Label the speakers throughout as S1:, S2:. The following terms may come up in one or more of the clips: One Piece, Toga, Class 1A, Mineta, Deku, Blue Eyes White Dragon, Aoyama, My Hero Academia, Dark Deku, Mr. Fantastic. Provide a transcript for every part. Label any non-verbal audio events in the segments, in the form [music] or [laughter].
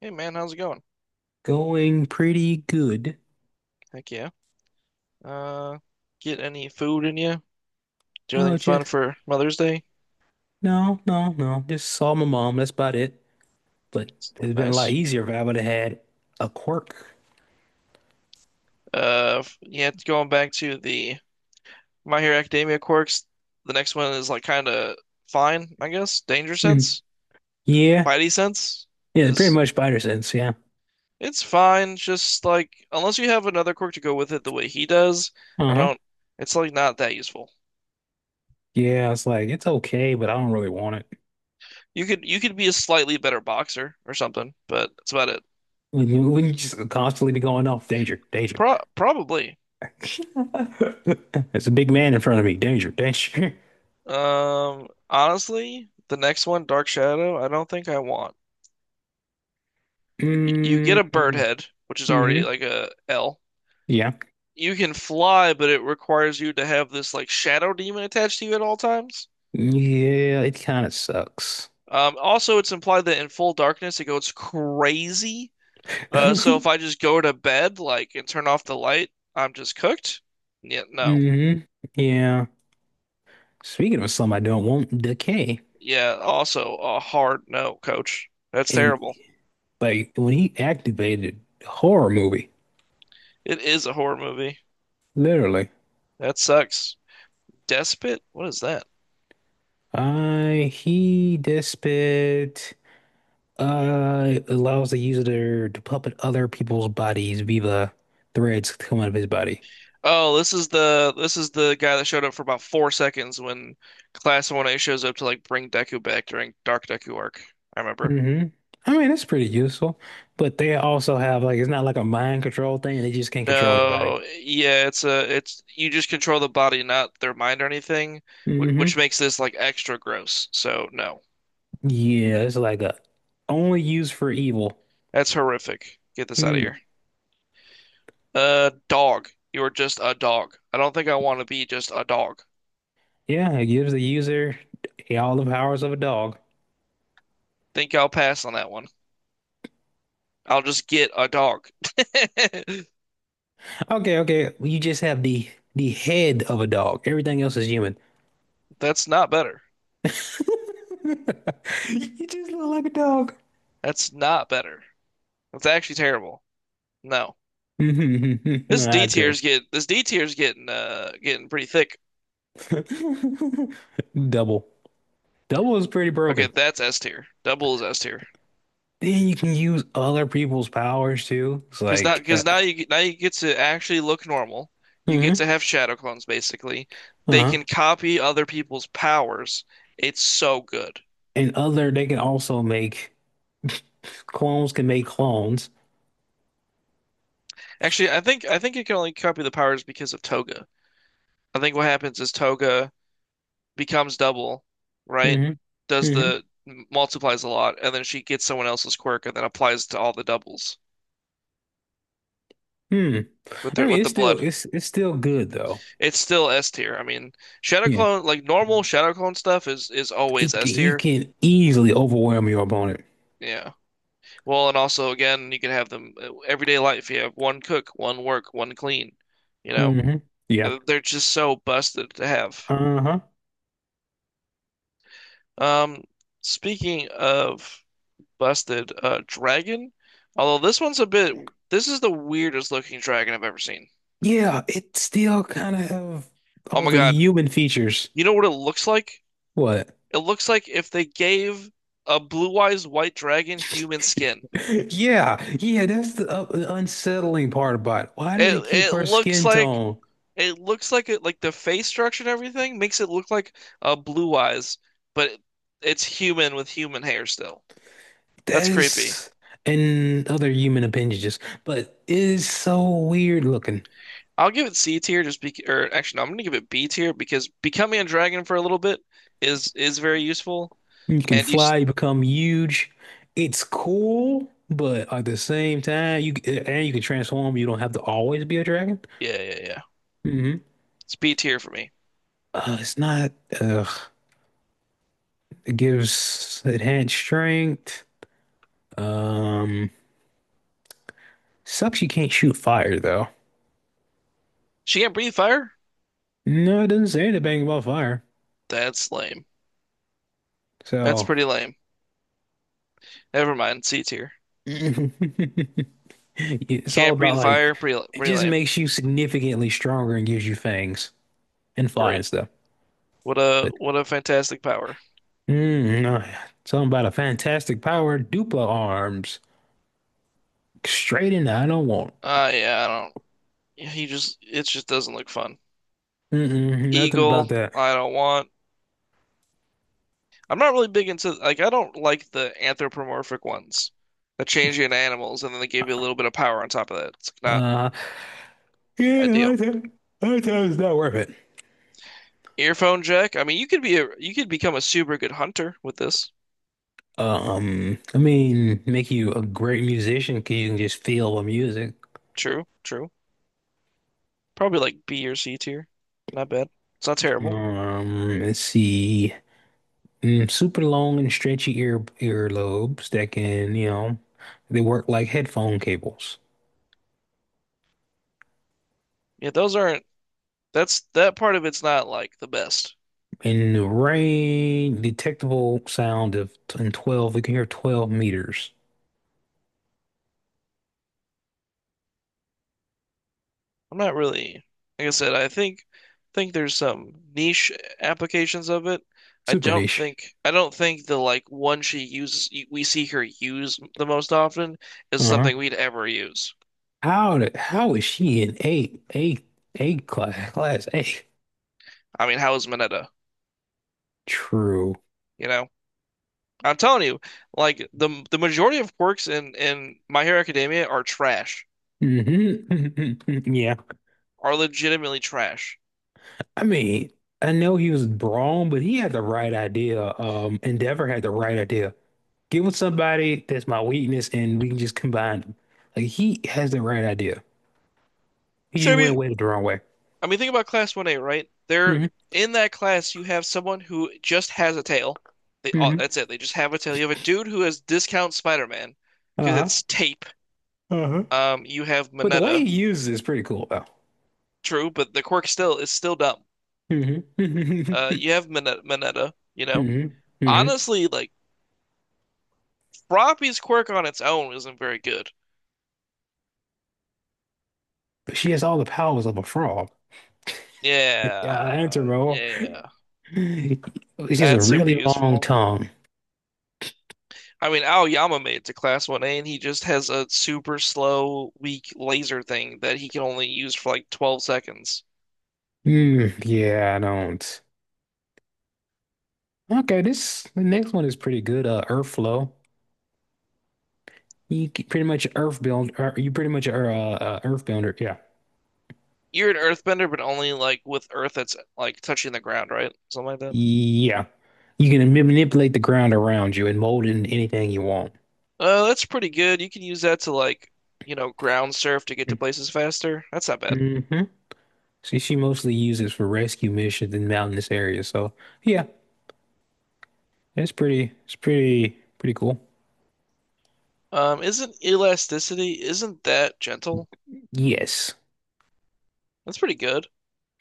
S1: Hey man, how's it going?
S2: Going pretty good.
S1: Heck yeah. Uh, get any food in you? Do
S2: Oh,
S1: anything fun
S2: just
S1: for Mother's Day?
S2: no, no, no. Just saw my mom. That's about it. But it's been a lot
S1: Nice.
S2: easier if I would have had a quirk.
S1: Yeah, going back to the My Hero Academia quirks, the next one is like kind of fine, I guess. Danger
S2: Hmm.
S1: sense,
S2: Yeah,
S1: Spidey sense
S2: yeah. Pretty
S1: is
S2: much spider sense. Yeah.
S1: it's fine. Just like unless you have another quirk to go with it the way he does, I
S2: Uh-huh.
S1: don't. It's like not that useful.
S2: Yeah. I was like, it's okay, but I don't really want it.
S1: You could be a slightly better boxer or something, but that's about it.
S2: When you just constantly be going off, danger, danger.
S1: Probably.
S2: [laughs] There's a big man in front of me. Danger, danger.
S1: Honestly, the next one, Dark Shadow, I don't think I want. You get a bird
S2: [laughs]
S1: head, which is already
S2: Mm-hmm.
S1: like a L.
S2: Yeah.
S1: You can fly, but it requires you to have this like shadow demon attached to you at all times.
S2: Yeah. It kind of sucks.
S1: Also, it's implied that in full darkness it goes crazy. So if I
S2: [laughs]
S1: just go to bed like and turn off the light, I'm just cooked. Yeah, no.
S2: Hmm. Yeah. Speaking of some I don't want, Decay.
S1: Yeah, also a hard no, coach. That's
S2: And
S1: terrible.
S2: like when he activated horror movie,
S1: It is a horror movie.
S2: literally.
S1: That sucks. Despot? What is that?
S2: I He, Despot, allows the user to puppet other people's bodies via threads coming out of his body.
S1: Oh, this is the guy that showed up for about 4 seconds when Class 1A shows up to like bring Deku back during Dark Deku arc. I remember.
S2: hmm I mean, that's pretty useful. But they also have, like, it's not like a mind control thing, they just can't control their body.
S1: No, yeah, it's you just control the body, not their mind or anything, which
S2: Hmm.
S1: makes this like extra gross. So no,
S2: Yeah, it's like a, only used for evil.
S1: that's horrific. Get this out of
S2: Hmm.
S1: here. Dog, you are just a dog. I don't think I want to be just a dog.
S2: Yeah, it gives the user all the powers of a dog.
S1: Think I'll pass on that one. I'll just get a dog. [laughs]
S2: Okay, okay. Well, you just have the head of a dog. Everything else is human.
S1: That's not better.
S2: [laughs] You just look like a dog.
S1: That's not better. It's actually terrible. No.
S2: [laughs] Mhm,
S1: This
S2: I
S1: D
S2: agree.
S1: tier's get this D tier's getting getting pretty thick.
S2: [laughs] Double. Double is pretty
S1: Okay,
S2: broken.
S1: that's S tier. Double is S tier.
S2: Then you can use other people's powers too. It's
S1: Because now,
S2: like,
S1: because now you now you get to actually look normal. You get
S2: hmm,
S1: to have shadow clones basically. They
S2: uh-huh.
S1: can copy other people's powers. It's so good.
S2: And other, they can also make. [laughs] Clones can make clones.
S1: Actually, I think you can only copy the powers because of Toga. I think what happens is Toga becomes double, right?
S2: Hmm.
S1: Does
S2: Hmm.
S1: the multiplies a lot, and then she gets someone else's quirk and then applies to all the doubles
S2: Hmm.
S1: with
S2: I
S1: their with
S2: mean,
S1: the
S2: it's still
S1: blood.
S2: it's it's still good though.
S1: It's still S tier. I mean, Shadow
S2: Yeah,
S1: Clone, like normal Shadow Clone stuff is always S
S2: you
S1: tier.
S2: can easily overwhelm your opponent.
S1: Yeah. Well, and also again, you can have them everyday life. You have one cook, one work, one clean. You know,
S2: Hmm. Yeah.
S1: They're just so busted to have.
S2: Uh-huh.
S1: Um, Speaking of busted, dragon. Although this one's a bit, This is the weirdest looking dragon I've ever seen.
S2: Yeah, it still kind of have
S1: Oh
S2: all
S1: my
S2: the
S1: God.
S2: human features.
S1: You know what it looks like?
S2: What? [laughs]
S1: It looks like if they gave a blue-eyes white dragon human skin.
S2: Yeah, yeah, that's the unsettling part about it. Why does
S1: It
S2: it keep
S1: it
S2: her
S1: looks
S2: skin
S1: like
S2: tone?
S1: it looks like it like the face structure and everything makes it look like Blue Eyes, but it, it's human with human hair still.
S2: That
S1: That's creepy.
S2: is, and other human appendages, but it is so weird looking.
S1: I'll give it C tier just be or actually no, I'm gonna give it B tier because becoming a dragon for a little bit is very useful
S2: You can
S1: and
S2: fly, you become huge. It's cool, but at the same time, you can transform. You don't have to always be a dragon.
S1: yeah yeah.
S2: hmm
S1: It's B tier for me.
S2: It's not. Uh, it gives enhanced strength. Um, Sucks. You can't shoot fire though.
S1: She can't breathe fire?
S2: No, it doesn't say anything about fire.
S1: That's lame. That's
S2: So
S1: pretty lame. Never mind, C tier.
S2: [laughs] it's all
S1: Can't
S2: about,
S1: breathe
S2: like,
S1: fire?
S2: it
S1: Pretty
S2: just
S1: lame.
S2: makes you significantly stronger and gives you fangs and
S1: Great.
S2: flies though.
S1: What a fantastic power.
S2: Mm, uh, Something about a fantastic power, Dupla arms. Straight in, I don't want.
S1: Yeah, I don't. Yeah, he just it just doesn't look fun.
S2: Mm-mm, nothing about
S1: Eagle,
S2: that.
S1: I don't want. I'm not really big into like I don't like the anthropomorphic ones that change you into animals and then they give you a little bit of power on top of that. It's not
S2: Uh, yeah,
S1: ideal.
S2: I think it's not worth it.
S1: Earphone jack. I mean, you could become a super good hunter with this.
S2: I mean, make you a great musician because you can just feel the music.
S1: True, true. Probably like B or C tier. Not bad. It's not terrible.
S2: Let's see. Super long and stretchy earlobes that can, they work like headphone cables.
S1: Yeah, those aren't. That's that part of it's not like the best.
S2: In the rain, detectable sound of in 12, we can hear 12 meters.
S1: I'm not really, Like I said, I think there's some niche applications of it.
S2: Super niche.
S1: I don't think the like one she uses we see her use the most often is
S2: Uh-huh.
S1: something we'd ever use.
S2: How is she in class eight?
S1: I mean, how is Mineta?
S2: True.
S1: You know, I'm telling you, like the majority of quirks in My Hero Academia are trash,
S2: Mm-hmm. [laughs] Yeah.
S1: are legitimately trash.
S2: I mean, I know he was wrong, but he had the right idea. Endeavor had the right idea. Give with somebody that's my weakness and we can just combine them. Like, he has the right idea. He just
S1: So
S2: went with it the wrong way.
S1: I mean, think about Class 1A, right? They're
S2: Mm-hmm.
S1: in that class. You have someone who just has a tail. They all,
S2: Mm-hmm.
S1: that's it. They just have a tail. You have a dude who has discount Spider-Man because
S2: Uh-huh.
S1: it's tape.
S2: Uh-huh.
S1: You have
S2: But the way
S1: Mineta,
S2: he uses it is pretty cool, though.
S1: true, but the quirk still is still dumb.
S2: Mm-hmm.
S1: You
S2: [laughs]
S1: have Mineta, you know.
S2: Mm-hmm. Mm-hmm. Mm-hmm.
S1: Honestly, like Froppy's quirk on its own isn't very good.
S2: She has all the powers of a frog. Yeah,
S1: Yeah,
S2: answer, bro.
S1: yeah,
S2: It's just a
S1: that's super
S2: really long
S1: useful.
S2: tongue.
S1: I mean, Aoyama made it to Class 1A, and he just has a super slow, weak laser thing that he can only use for like 12 seconds.
S2: Hmm. Yeah, I don't. Okay, this the next one is pretty good. Earth Flow. You pretty much Earth build. You pretty much are Earth builder. Yeah,
S1: You're an earthbender, but only like with earth that's like touching the ground, right? Something like that.
S2: yeah. You can manipulate the ground around you and mold it into anything you want.
S1: That's pretty good. You can use that to like, you know, ground surf to get to places faster. That's not bad.
S2: hmm she mostly uses for rescue missions in mountainous areas. So yeah, it's pretty cool.
S1: Isn't elasticity, isn't that gentle?
S2: Yes.
S1: That's pretty good.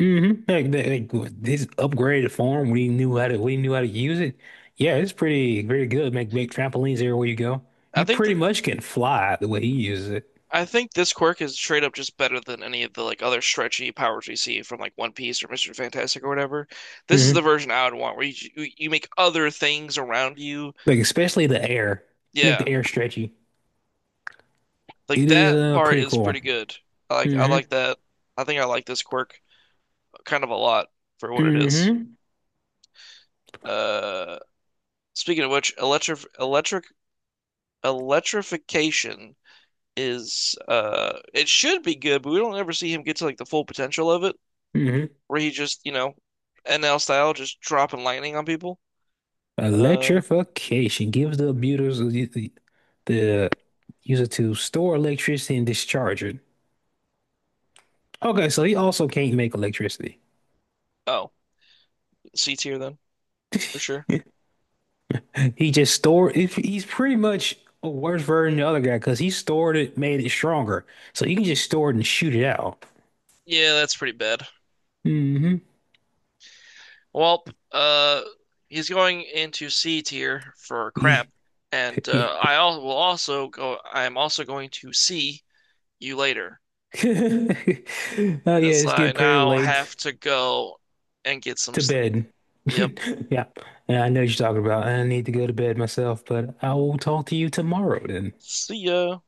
S2: Mm-hmm. Like, this upgraded farm, we knew how to use it. Yeah, it's pretty good. Make trampolines everywhere you go.
S1: I
S2: You
S1: think
S2: pretty
S1: th
S2: much can fly the way he uses it.
S1: I think this quirk is straight up just better than any of the like other stretchy powers we see from like One Piece or Mr. Fantastic or whatever. This is the
S2: hmm
S1: version I would want where you make other things around you.
S2: Like, especially the air. To make
S1: Yeah,
S2: the air stretchy.
S1: like
S2: It is
S1: that part
S2: pretty
S1: is
S2: cool.
S1: pretty good. I
S2: hmm
S1: like that. I think I like this quirk kind of a lot for what it is.
S2: hmm
S1: Uh, Speaking of which, electric electric electrification is it should be good, but we don't ever see him get to like the full potential of it.
S2: hmm
S1: Where he just, you know, NL style, just dropping lightning on people. Uh
S2: Electrification gives the abusers the user to store electricity and discharge it. Okay, so he also can't make electricity.
S1: oh, C tier then for sure.
S2: [laughs] He just stored if he's pretty much a worse version than the other guy because he stored it, made it stronger. So you can just store it and shoot it out.
S1: Yeah, that's pretty bad.
S2: Hmm.
S1: Well, uh, he's going into C tier for crap,
S2: [laughs] Oh,
S1: and I al will also go. I am also going to see you later,
S2: yeah,
S1: as
S2: it's
S1: I
S2: getting pretty
S1: now
S2: late
S1: have to go and get some
S2: to
S1: sleep.
S2: bed.
S1: Yep.
S2: [laughs] Yeah. And I know what you're talking about. I need to go to bed myself, but I will talk to you tomorrow then.
S1: See ya.